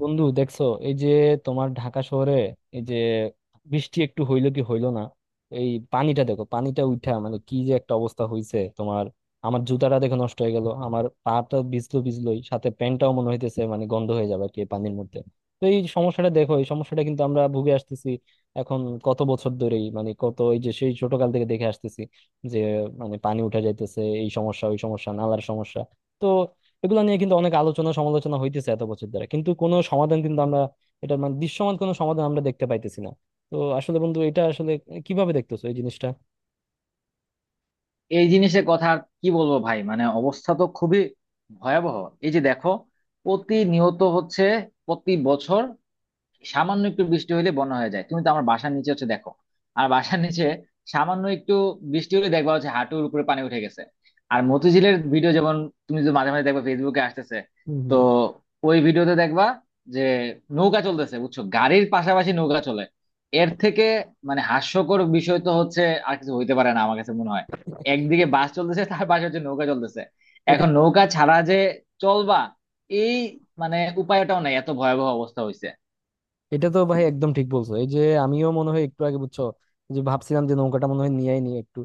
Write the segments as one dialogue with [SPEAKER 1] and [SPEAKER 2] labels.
[SPEAKER 1] বন্ধু, দেখছো এই যে তোমার ঢাকা শহরে এই যে বৃষ্টি একটু হইলো কি হইলো না। এই পানিটা দেখো, পানিটা উঠা মানে কি যে একটা অবস্থা হইছে তোমার। আমার জুতাটা দেখো নষ্ট হয়ে গেল, আমার পাটা ভিজলো, ভিজলোই সাথে প্যান্টটাও মনে হইতেছে মানে গন্ধ হয়ে যাবে আর কি এই পানির মধ্যে। তো এই সমস্যাটা দেখো, এই সমস্যাটা কিন্তু আমরা ভুগে আসতেছি এখন কত বছর ধরেই, মানে কত এই যে সেই ছোটকাল থেকে দেখে আসতেছি যে মানে পানি উঠা যাইতেছে, এই সমস্যা ওই সমস্যা নালার সমস্যা। তো এগুলো নিয়ে কিন্তু অনেক আলোচনা সমালোচনা হইতেছে এত বছর ধরে, কিন্তু কোনো সমাধান কিন্তু আমরা, এটার মানে দৃশ্যমান কোনো সমাধান আমরা দেখতে পাইতেছি না। তো আসলে বন্ধু এটা আসলে কিভাবে দেখতেছো এই জিনিসটা?
[SPEAKER 2] এই জিনিসের কথা আর কি বলবো ভাই, মানে অবস্থা তো খুবই ভয়াবহ। এই যে দেখো, প্রতিনিয়ত হচ্ছে, প্রতি বছর সামান্য একটু বৃষ্টি হলে বন্যা হয়ে যায়। তুমি তো আমার বাসার নিচে হচ্ছে দেখো, আর বাসার নিচে সামান্য একটু বৃষ্টি হলে দেখবা হচ্ছে হাঁটুর উপরে পানি উঠে গেছে। আর মতিঝিলের ভিডিও যেমন, তুমি যদি মাঝে মাঝে দেখবা ফেসবুকে আসতেছে,
[SPEAKER 1] হম
[SPEAKER 2] তো
[SPEAKER 1] হম।
[SPEAKER 2] ওই ভিডিওতে দেখবা যে নৌকা চলতেছে, বুঝছো, গাড়ির পাশাপাশি নৌকা চলে। এর থেকে মানে হাস্যকর বিষয় তো হচ্ছে আর কিছু হইতে পারে না আমার কাছে মনে হয়। একদিকে বাস চলতেছে তার পাশে হচ্ছে নৌকা চলতেছে।
[SPEAKER 1] এটা
[SPEAKER 2] এখন নৌকা ছাড়া যে চলবা, এই মানে উপায়টাও নাই, এত ভয়াবহ অবস্থা হয়েছে।
[SPEAKER 1] এটা তো ভাই একদম ঠিক বলছো। এই যে আমিও মনে হয় একটু আগে বুঝছো যে ভাবছিলাম যে নৌকাটা মনে হয় নিয়েই নিয়ে একটু,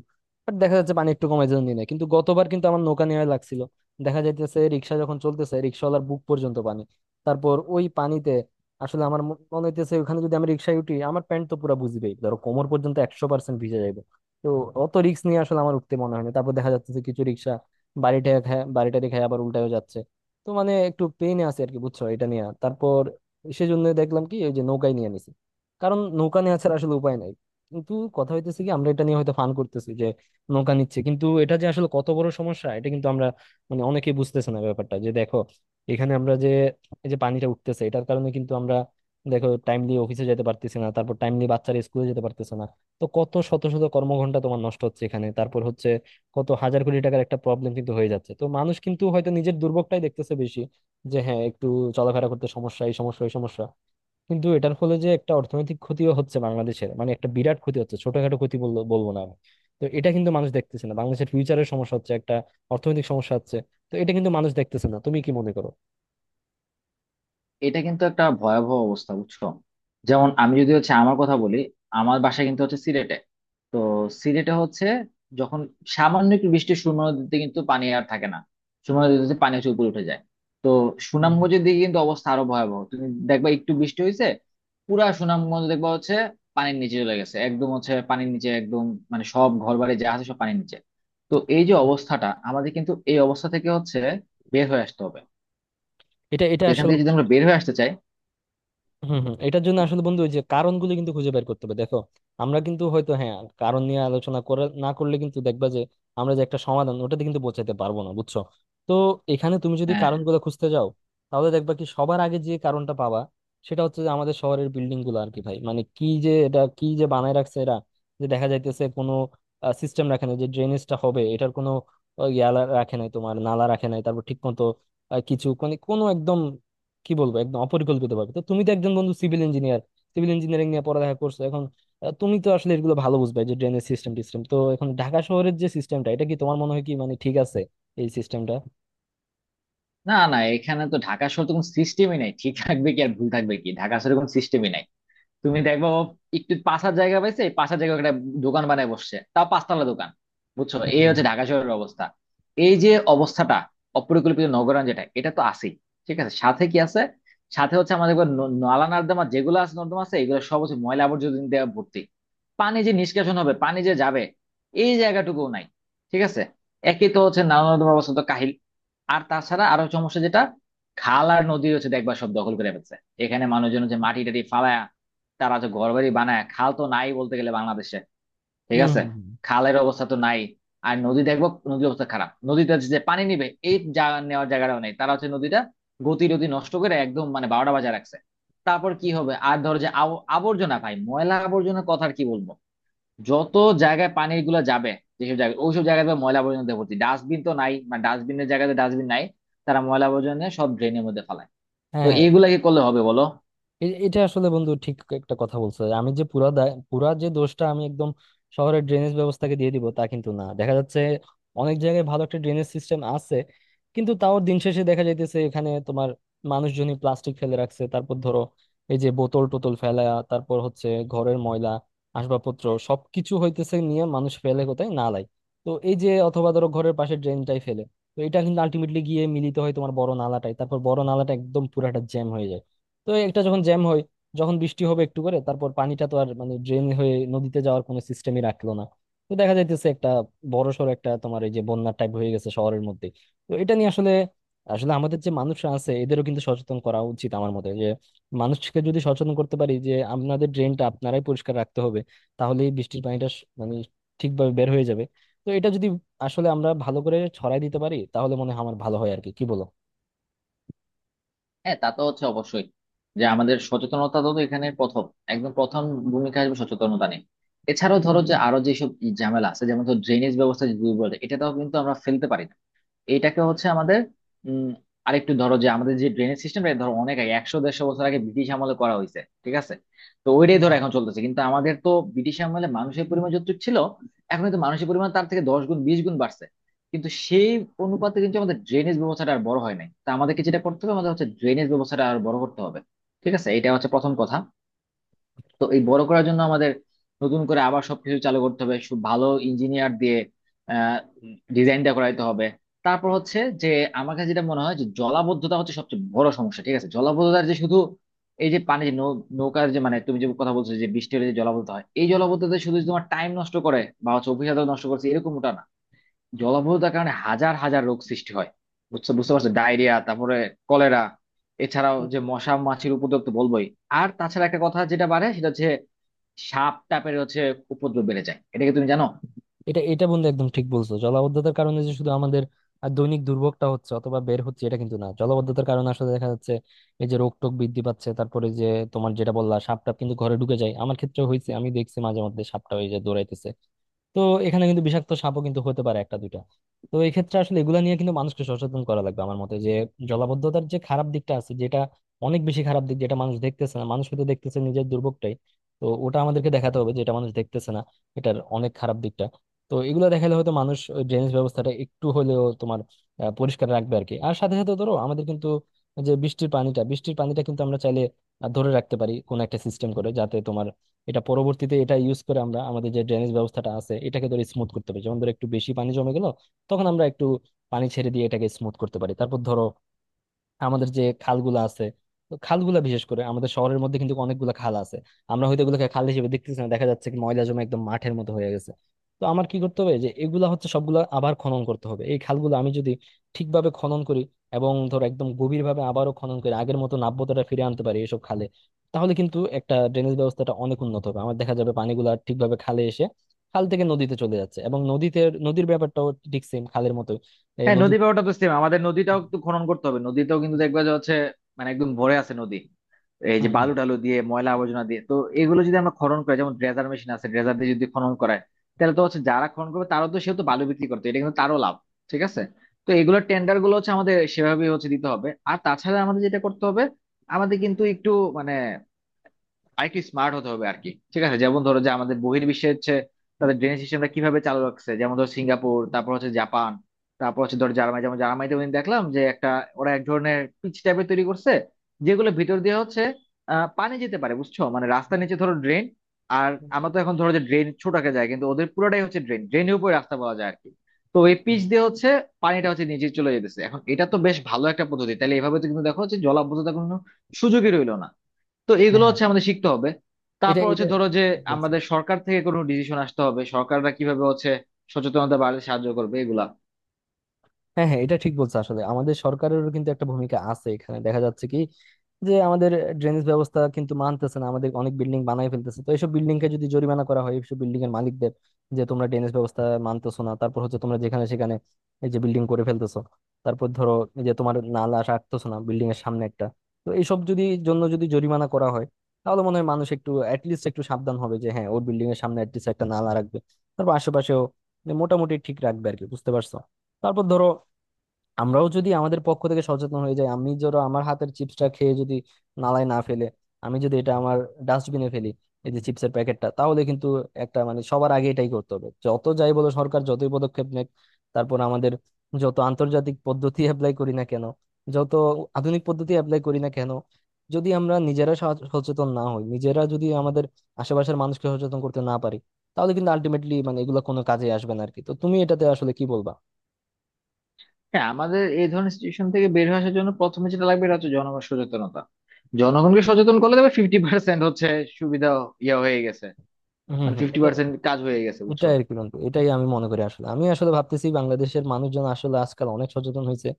[SPEAKER 1] বাট দেখা যাচ্ছে পানি একটু কমে যেন নিয়ে নেয়। কিন্তু গতবার কিন্তু আমার নৌকা নেওয়া লাগছিল। দেখা যাইতেছে রিক্সা যখন চলতেছে রিক্সাওয়ালার বুক পর্যন্ত পানি। তারপর ওই পানিতে আসলে আমার মনে হইতেছে ওখানে যদি আমি রিক্সায় উঠি আমার প্যান্ট তো পুরো বুঝবেই, ধরো কোমর পর্যন্ত 100% ভিজে যাবে। তো অত রিক্স নিয়ে আসলে আমার উঠতে মনে হয় না। তারপর দেখা যাচ্ছে যে কিছু রিক্সা বাড়িটারি খায় আবার উল্টায়ও যাচ্ছে। তো মানে একটু পেইনে আছে আর কি বুঝছো এটা নিয়ে। তারপর সেজন্য দেখলাম কি ওই যে নৌকায় নিয়ে নিছি, কারণ নৌকা নেওয়া ছাড়া আসলে উপায় নাই। কিন্তু কথা হইতেছে কি আমরা এটা নিয়ে হয়তো ফান করতেছি যে নৌকা নিচ্ছে, কিন্তু এটা যে আসলে কত বড় সমস্যা এটা কিন্তু আমরা মানে অনেকেই বুঝতেছে না ব্যাপারটা। যে দেখো এখানে আমরা যে এই যে পানিটা উঠতেছে এটার কারণে কিন্তু আমরা দেখো টাইমলি অফিসে যেতে পারতেছি না, তারপর টাইমলি বাচ্চারা স্কুলে যেতে পারতেছে না। তো কত শত শত কর্মঘন্টা তোমার নষ্ট হচ্ছে এখানে, তারপর হচ্ছে কত হাজার কোটি টাকার একটা প্রবলেম কিন্তু হয়ে যাচ্ছে। তো মানুষ কিন্তু হয়তো নিজের দুর্ভোগটাই দেখতেছে বেশি, যে হ্যাঁ একটু চলাফেরা করতে সমস্যা, এই সমস্যা এই সমস্যা। কিন্তু এটার ফলে যে একটা অর্থনৈতিক ক্ষতিও হচ্ছে বাংলাদেশের, মানে একটা বিরাট ক্ষতি হচ্ছে, ছোটখাটো ক্ষতি বললো বলবো না আমি। তো এটা কিন্তু মানুষ দেখতেছে না, বাংলাদেশের ফিউচারের সমস্যা হচ্ছে একটা অর্থনৈতিক সমস্যা হচ্ছে। তো এটা কিন্তু মানুষ দেখতেছে না, তুমি কি মনে করো?
[SPEAKER 2] এটা কিন্তু একটা ভয়াবহ অবস্থা বুঝছো। যেমন আমি যদি হচ্ছে আমার কথা বলি, আমার বাসা কিন্তু হচ্ছে সিলেটে। তো সিলেটে হচ্ছে যখন সামান্য একটু বৃষ্টি, সুরমা নদীতে কিন্তু পানি আর থাকে না, সুরমা নদীতে পানি হচ্ছে উপরে উঠে যায়। তো
[SPEAKER 1] হুম হুম।
[SPEAKER 2] সুনামগঞ্জের দিকে কিন্তু অবস্থা আরো ভয়াবহ, তুমি দেখবা একটু বৃষ্টি হয়েছে, পুরা সুনামগঞ্জ দেখবা হচ্ছে পানির নিচে চলে গেছে, একদম হচ্ছে পানির নিচে একদম, মানে সব ঘর বাড়ি যা আছে সব পানির নিচে। তো এই যে
[SPEAKER 1] হুম।
[SPEAKER 2] অবস্থাটা আমাদের, কিন্তু এই অবস্থা থেকে হচ্ছে বের হয়ে আসতে হবে।
[SPEAKER 1] এটা এটা
[SPEAKER 2] তো এখান
[SPEAKER 1] আসলে।
[SPEAKER 2] থেকে যদি আমরা বের হয়ে আসতে চাই,
[SPEAKER 1] হম হম। এটার জন্য আসলে বন্ধু ওই যে কারণগুলো কিন্তু খুঁজে বের করতে হবে। দেখো আমরা কিন্তু হয়তো হ্যাঁ কারণ নিয়ে আলোচনা করে না করলে কিন্তু দেখবা যে আমরা যে একটা সমাধান ওটাতে কিন্তু পৌঁছাতে পারবো না, বুঝছো। তো এখানে তুমি যদি
[SPEAKER 2] হ্যাঁ,
[SPEAKER 1] কারণগুলো খুঁজতে যাও, তাহলে দেখবা কি সবার আগে যে কারণটা পাবা সেটা হচ্ছে যে আমাদের শহরের বিল্ডিং গুলো আর কি ভাই। মানে কি যে এটা কি যে বানায় রাখছে এরা, যে দেখা যাইতেছে কোনো সিস্টেম রাখে না যে ড্রেনেজটা হবে এটার কোনো, রাখে নাই তোমার, নালা রাখে নাই, তারপর ঠিক মতো কিছু, মানে কোনো একদম কি বলবো একদম অপরিকল্পিত ভাবে। তো তুমি তো একজন বন্ধু সিভিল ইঞ্জিনিয়ার, সিভিল ইঞ্জিনিয়ারিং নিয়ে পড়ালেখা করছো এখন, তুমি তো আসলে এগুলো ভালো বুঝবে। এই যে ড্রেনেজ সিস্টেম টিস্টেম, তো এখন ঢাকা শহরের যে সিস্টেমটা এটা কি তোমার মনে হয় কি মানে ঠিক আছে এই সিস্টেমটা?
[SPEAKER 2] না না, এখানে তো ঢাকা শহর তো কোনো সিস্টেমই নাই, ঠিক থাকবে কি আর ভুল থাকবে কি, ঢাকা শহরে কোনো সিস্টেমই নাই। তুমি দেখবো ও একটু পাশার জায়গা পাইছে, এই পাশার জায়গায় একটা দোকান বানায় বসছে, তাও পাঁচতলা দোকান। বুঝছো,
[SPEAKER 1] হুম
[SPEAKER 2] এই
[SPEAKER 1] হুম।
[SPEAKER 2] হচ্ছে ঢাকা শহরের অবস্থা। এই যে অবস্থাটা, অপরিকল্পিত নগরায়ণ যেটা, এটা তো আছেই। ঠিক আছে, সাথে কি আছে? সাথে হচ্ছে আমাদের এবার নালা নর্দমা যেগুলো আছে, নর্দমা আছে, এগুলো সব হচ্ছে ময়লা আবর্জনা দিয়ে ভর্তি। পানি যে নিষ্কাশন হবে, পানি যে যাবে, এই জায়গাটুকুও নাই। ঠিক আছে, একই তো হচ্ছে নালা নর্দমা, অবস্থা তো কাহিল। আর তাছাড়া আরো সমস্যা যেটা, খাল আর নদী হচ্ছে দেখবা সব দখল করে ফেলছে। এখানে মানুষজন হচ্ছে মাটি টাটি ফালায়, তারা যে ঘরবাড়ি বানায়, খাল তো নাই বলতে গেলে বাংলাদেশে। ঠিক
[SPEAKER 1] হুম
[SPEAKER 2] আছে,
[SPEAKER 1] হুম, হুম।
[SPEAKER 2] খালের অবস্থা তো নাই। আর নদী দেখবো, নদীর অবস্থা খারাপ, নদীতে যে পানি নিবে এই জায়গা নেওয়ার জায়গাটাও নেই, তারা হচ্ছে নদীটা গতি রতি নষ্ট করে একদম মানে বারোটা বাজায় রাখছে। তারপর কি হবে আর, ধরো যে আবর্জনা ভাই, ময়লা আবর্জনার কথার কি বলবো। যত জায়গায় পানির গুলা যাবে, যেসব জায়গায়, ওইসব জায়গায় তো ময়লা আবর্জনা দিয়ে ভর্তি, ডাস্টবিন তো নাই, মানে ডাস্টবিনের জায়গাতে ডাস্টবিন নাই। তারা ময়লা আবর্জনা নিয়ে সব ড্রেনের মধ্যে ফেলায়। তো
[SPEAKER 1] হ্যাঁ হ্যাঁ।
[SPEAKER 2] এইগুলা কি করলে হবে বলো?
[SPEAKER 1] এটা আসলে বন্ধু ঠিক একটা কথা বলছো। আমি যে পুরা দায়, পুরা যে দোষটা আমি একদম শহরের ড্রেনেজ ব্যবস্থাকে দিয়ে দিব তা কিন্তু না। দেখা যাচ্ছে অনেক জায়গায় ভালো একটা ড্রেনেজ সিস্টেম আছে, কিন্তু তাও দিন শেষে দেখা যাইতেছে এখানে তোমার মানুষজনই প্লাস্টিক ফেলে রাখছে, তারপর ধরো এই যে বোতল টোতল ফেলা, তারপর হচ্ছে ঘরের ময়লা আসবাবপত্র সবকিছু হইতেছে নিয়ে মানুষ ফেলে কোথায়, নালায়। তো এই যে, অথবা ধরো ঘরের পাশে ড্রেনটাই ফেলে। তো এটা কিন্তু আলটিমেটলি গিয়ে মিলিত হয় তোমার বড় নালাটায়, তারপর বড় নালাটা একদম পুরাটা জ্যাম হয়ে যায়। তো একটা যখন জ্যাম হয়, যখন বৃষ্টি হবে একটু করে, তারপর পানিটা তো আর মানে ড্রেন হয়ে নদীতে যাওয়ার কোনো সিস্টেমই রাখলো না। তো দেখা যাইতেছে একটা বড়সড় একটা তোমার এই যে বন্যার টাইপ হয়ে গেছে শহরের মধ্যে। তো এটা নিয়ে আসলে, আসলে আমাদের যে মানুষরা আছে এদেরও কিন্তু সচেতন করা উচিত আমার মতে। যে মানুষকে যদি সচেতন করতে পারি যে আপনাদের ড্রেনটা আপনারাই পরিষ্কার রাখতে হবে, তাহলে এই বৃষ্টির পানিটা মানে ঠিকভাবে বের হয়ে যাবে। তো এটা যদি আসলে আমরা ভালো করে ছড়াই দিতে পারি তাহলে মনে হয় আমার ভালো হয় আর কি, কি বলো?
[SPEAKER 2] হ্যাঁ তা তো হচ্ছে অবশ্যই, যে আমাদের সচেতনতা তো এখানে প্রথম, একদম প্রথম ভূমিকা আসবে সচেতনতা নিয়ে। এছাড়াও ধরো যে আরো যেসব ই ঝামেলা আছে, যেমন ধরো ড্রেনেজ ব্যবস্থা, যদি বলে এটা তো কিন্তু আমরা ফেলতে পারি না। এটাকে হচ্ছে আমাদের উম আরেকটু ধরো, যে আমাদের যে ড্রেনেজ সিস্টেমটা, ধরো অনেক আগে, 100 150 বছর আগে ব্রিটিশ আমলে করা হয়েছে, ঠিক আছে। তো ওইটাই ধরো এখন চলতেছে, কিন্তু আমাদের তো ব্রিটিশ আমলে মানুষের পরিমাণ যতটুকু ছিল, এখন কিন্তু মানুষের পরিমাণ তার থেকে 10 গুণ 20 গুণ বাড়ছে। কিন্তু সেই অনুপাতে কিন্তু আমাদের ড্রেনেজ ব্যবস্থাটা আর বড় হয় নাই, তা আমাদেরকে যেটা করতে হবে, আমাদের হচ্ছে ড্রেনেজ ব্যবস্থাটা আর বড় করতে হবে। ঠিক আছে, এটা হচ্ছে প্রথম কথা। তো এই বড় করার জন্য আমাদের নতুন করে আবার সবকিছু চালু করতে হবে, খুব ভালো ইঞ্জিনিয়ার দিয়ে আহ ডিজাইনটা করাইতে হবে। তারপর হচ্ছে যে, আমার কাছে যেটা মনে হয় যে জলাবদ্ধতা হচ্ছে সবচেয়ে বড় সমস্যা। ঠিক আছে, জলাবদ্ধতার যে শুধু এই যে পানি যে নৌ নৌকার যে মানে, তুমি যে কথা বলছো যে বৃষ্টি হলে যে জলাবদ্ধতা হয়, এই জলাবদ্ধতা শুধু যে তোমার টাইম নষ্ট করে বা হচ্ছে অফিস আদালত নষ্ট করছে এরকমটা না। জলাবদ্ধতার কারণে হাজার হাজার রোগ সৃষ্টি হয়, বুঝছো, বুঝতে পারছো, ডায়রিয়া, তারপরে কলেরা। এছাড়াও
[SPEAKER 1] হুম।
[SPEAKER 2] যে মশা মাছির উপদ্রব তো বলবোই। আর তাছাড়া একটা কথা যেটা বাড়ে, সেটা হচ্ছে সাপ টাপের হচ্ছে উপদ্রব বেড়ে যায়, এটা কি তুমি জানো?
[SPEAKER 1] এটা এটা বন্ধু একদম ঠিক বলছো। জলাবদ্ধতার কারণে যে শুধু আমাদের দৈনিক দুর্ভোগটা হচ্ছে অথবা বের হচ্ছে এটা কিন্তু না, জলাবদ্ধতার কারণে আসলে দেখা যাচ্ছে এই যে রোগ টোগ বৃদ্ধি পাচ্ছে, তারপরে যে তোমার যেটা বললা সাপ টাপ কিন্তু ঘরে ঢুকে যায়। আমার ক্ষেত্রে হয়েছে, আমি দেখছি মাঝে মধ্যে সাপটা ওই যে দৌড়াইতেছে। তো এখানে কিন্তু বিষাক্ত সাপও কিন্তু হতে পারে একটা দুইটা। তো এই ক্ষেত্রে আসলে এগুলা নিয়ে কিন্তু মানুষকে সচেতন করা লাগবে আমার মতে, যে জলাবদ্ধতার যে খারাপ দিকটা আছে, যেটা অনেক বেশি খারাপ দিক, যেটা মানুষ দেখতেছে না। মানুষ হয়তো দেখতেছে নিজের দুর্ভোগটাই। তো ওটা আমাদেরকে দেখাতে হবে যেটা মানুষ দেখতেছে না, এটার অনেক খারাপ দিকটা। তো এগুলো দেখালে হয়তো মানুষ ড্রেনেজ ব্যবস্থাটা একটু হলেও তোমার পরিষ্কার রাখবে আর কি। আর সাথে সাথে ধরো, আমাদের কিন্তু যে বৃষ্টির পানিটা, বৃষ্টির পানিটা কিন্তু আমরা চাইলে ধরে রাখতে পারি কোন একটা সিস্টেম করে, যাতে তোমার এটা পরবর্তীতে এটা ইউজ করে আমরা আমাদের যে ড্রেনেজ ব্যবস্থাটা আছে এটাকে ধরে স্মুথ করতে পারি। যেমন ধরো একটু বেশি পানি জমে গেল, তখন আমরা একটু পানি ছেড়ে দিয়ে এটাকে স্মুথ করতে পারি। তারপর ধরো আমাদের যে খালগুলো আছে, তো খালগুলা বিশেষ করে আমাদের শহরের মধ্যে কিন্তু অনেকগুলো খাল আছে। আমরা হয়তো এগুলোকে খাল হিসেবে দেখতেছি না, দেখা যাচ্ছে কি ময়লা জমে একদম মাঠের মতো হয়ে গেছে। তো আমার কি করতে হবে যে এগুলা হচ্ছে সবগুলা আবার খনন করতে হবে এই খালগুলো। আমি যদি ঠিকভাবে খনন করি এবং ধর একদম গভীর ভাবে আবারও খনন করে আগের মতো নাব্যতাটা ফিরে আনতে পারি এসব খালে, তাহলে কিন্তু একটা ড্রেনেজ ব্যবস্থাটা অনেক উন্নত হবে। আমার দেখা যাবে পানিগুলা ঠিকভাবে খালে এসে খাল থেকে নদীতে চলে যাচ্ছে। এবং নদীতে, নদীর ব্যাপারটাও ঠিক সেম খালের মতো।
[SPEAKER 2] হ্যাঁ, নদী
[SPEAKER 1] নদীতে।
[SPEAKER 2] ব্যাপারটা তো সেম, আমাদের নদীটাও একটু খনন করতে হবে। নদীতেও কিন্তু দেখবে যে হচ্ছে মানে একদম ভরে আছে নদী, এই যে
[SPEAKER 1] হুম,
[SPEAKER 2] বালু টালু দিয়ে ময়লা আবর্জনা দিয়ে। তো এগুলো যদি আমরা খনন করি, যেমন ড্রেজার মেশিন আছে, ড্রেজার দিয়ে যদি খনন করায়, তাহলে তো হচ্ছে যারা খনন করবে তারও তো সেহেতু বালু বিক্রি করতে, এটা কিন্তু তারও লাভ। ঠিক আছে, তো এগুলো টেন্ডার গুলো হচ্ছে আমাদের সেভাবেই হচ্ছে দিতে হবে। আর তাছাড়া আমাদের যেটা করতে হবে, আমাদের কিন্তু একটু মানে আরেকটু স্মার্ট হতে হবে আর কি। ঠিক আছে, যেমন ধরো যে আমাদের বহির্বিশ্বে হচ্ছে তাদের ড্রেনেজ সিস্টেমটা কিভাবে চালু রাখছে, যেমন ধরো সিঙ্গাপুর, তারপর হচ্ছে জাপান, তারপর হচ্ছে ধরো জার্মানি। যেমন জার্মানিতে ওদিন দেখলাম যে একটা, ওরা এক ধরনের পিচ টাইপের তৈরি করছে, যেগুলো ভিতর দিয়ে হচ্ছে পানি যেতে পারে, বুঝছো, মানে রাস্তার নিচে ধরো ড্রেন। আর আমরা তো এখন ধরো যে ড্রেন ছোট আকারে যায়, কিন্তু ওদের পুরোটাই হচ্ছে ড্রেন, ড্রেনের উপরে রাস্তা বলা যায় আর কি। তো এই পিচ দিয়ে হচ্ছে পানিটা হচ্ছে নিচে চলে যেতেছে। এখন এটা তো বেশ ভালো একটা পদ্ধতি, তাহলে এভাবে তো কিন্তু দেখো যে জলাবদ্ধতার কোনো সুযোগই রইলো না। তো এগুলো
[SPEAKER 1] হুম।
[SPEAKER 2] হচ্ছে আমাদের শিখতে হবে।
[SPEAKER 1] এটা
[SPEAKER 2] তারপর
[SPEAKER 1] এটা
[SPEAKER 2] হচ্ছে ধরো যে,
[SPEAKER 1] বলছি।
[SPEAKER 2] আমাদের সরকার থেকে কোনো ডিসিশন আসতে হবে, সরকাররা কিভাবে হচ্ছে সচেতনতা বাড়াতে সাহায্য করবে এগুলা।
[SPEAKER 1] হ্যাঁ হ্যাঁ, এটা ঠিক বলছো। আসলে আমাদের সরকারেরও কিন্তু একটা ভূমিকা আছে এখানে। দেখা যাচ্ছে কি যে আমাদের ড্রেনেজ ব্যবস্থা কিন্তু মানতেছে না, আমাদের অনেক বিল্ডিং বানাই ফেলতেছে। তো এইসব বিল্ডিং কে যদি জরিমানা করা হয়, এইসব বিল্ডিং এর মালিকদের, যে তোমরা ড্রেনেজ ব্যবস্থা মানতেছো না, তারপর হচ্ছে তোমরা যেখানে সেখানে এই যে বিল্ডিং করে ফেলতেছো, তারপর ধরো এই যে তোমার নালা রাখতেছো না বিল্ডিং এর সামনে একটা। তো এইসব যদি জন্য যদি জরিমানা করা হয়, তাহলে মনে হয় মানুষ একটু অ্যাটলিস্ট একটু সাবধান হবে, যে হ্যাঁ ওর বিল্ডিং এর সামনে অ্যাটলিস্ট একটা নালা রাখবে, তারপর আশেপাশেও মোটামুটি ঠিক রাখবে আর কি, বুঝতে পারছো? তারপর ধরো, আমরাও যদি আমাদের পক্ষ থেকে সচেতন হয়ে যাই, আমি ধরো আমার হাতের চিপসটা খেয়ে যদি নালায় না ফেলে আমি যদি এটা আমার ডাস্টবিনে ফেলি এই যে চিপসের প্যাকেটটা, তাহলে কিন্তু একটা, মানে সবার আগে এটাই করতে হবে। যত যাই বলো সরকার যতই পদক্ষেপ নেক, তারপর আমাদের যত আন্তর্জাতিক পদ্ধতি অ্যাপ্লাই করি না কেন, যত আধুনিক পদ্ধতি অ্যাপ্লাই করি না কেন, যদি আমরা নিজেরা সচেতন না হই, নিজেরা যদি আমাদের আশেপাশের মানুষকে সচেতন করতে না পারি, তাহলে কিন্তু আলটিমেটলি মানে এগুলো কোনো কাজে আসবে না আর কি। তো তুমি এটাতে আসলে কি বলবা?
[SPEAKER 2] হ্যাঁ, আমাদের এই ধরনের সিচুয়েশন থেকে বের হয়ে আসার জন্য প্রথমে যেটা লাগবে, এটা হচ্ছে জনগণ সচেতনতা। জনগণকে সচেতন করলে তবে 50% হচ্ছে সুবিধা হয়ে গেছে,
[SPEAKER 1] হম
[SPEAKER 2] মানে
[SPEAKER 1] হম।
[SPEAKER 2] 50% কাজ হয়ে গেছে
[SPEAKER 1] এটা
[SPEAKER 2] বুঝছো।
[SPEAKER 1] আর কি বন্ধু, এটাই আমি মনে করি। আসলে আমি আসলে ভাবতেছি বাংলাদেশের মানুষজন আসলে আজকাল অনেক সচেতন হয়েছে,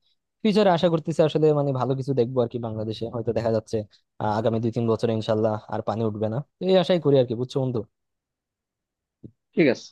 [SPEAKER 1] ফিউচারে আশা করতেছি আসলে মানে ভালো কিছু দেখবো আর কি বাংলাদেশে, হয়তো দেখা যাচ্ছে আগামী 2-3 বছরে ইনশাল্লাহ আর পানি উঠবে না। তো এই আশাই করি আর কি, বুঝছো বন্ধু।
[SPEAKER 2] ঠিক আছে।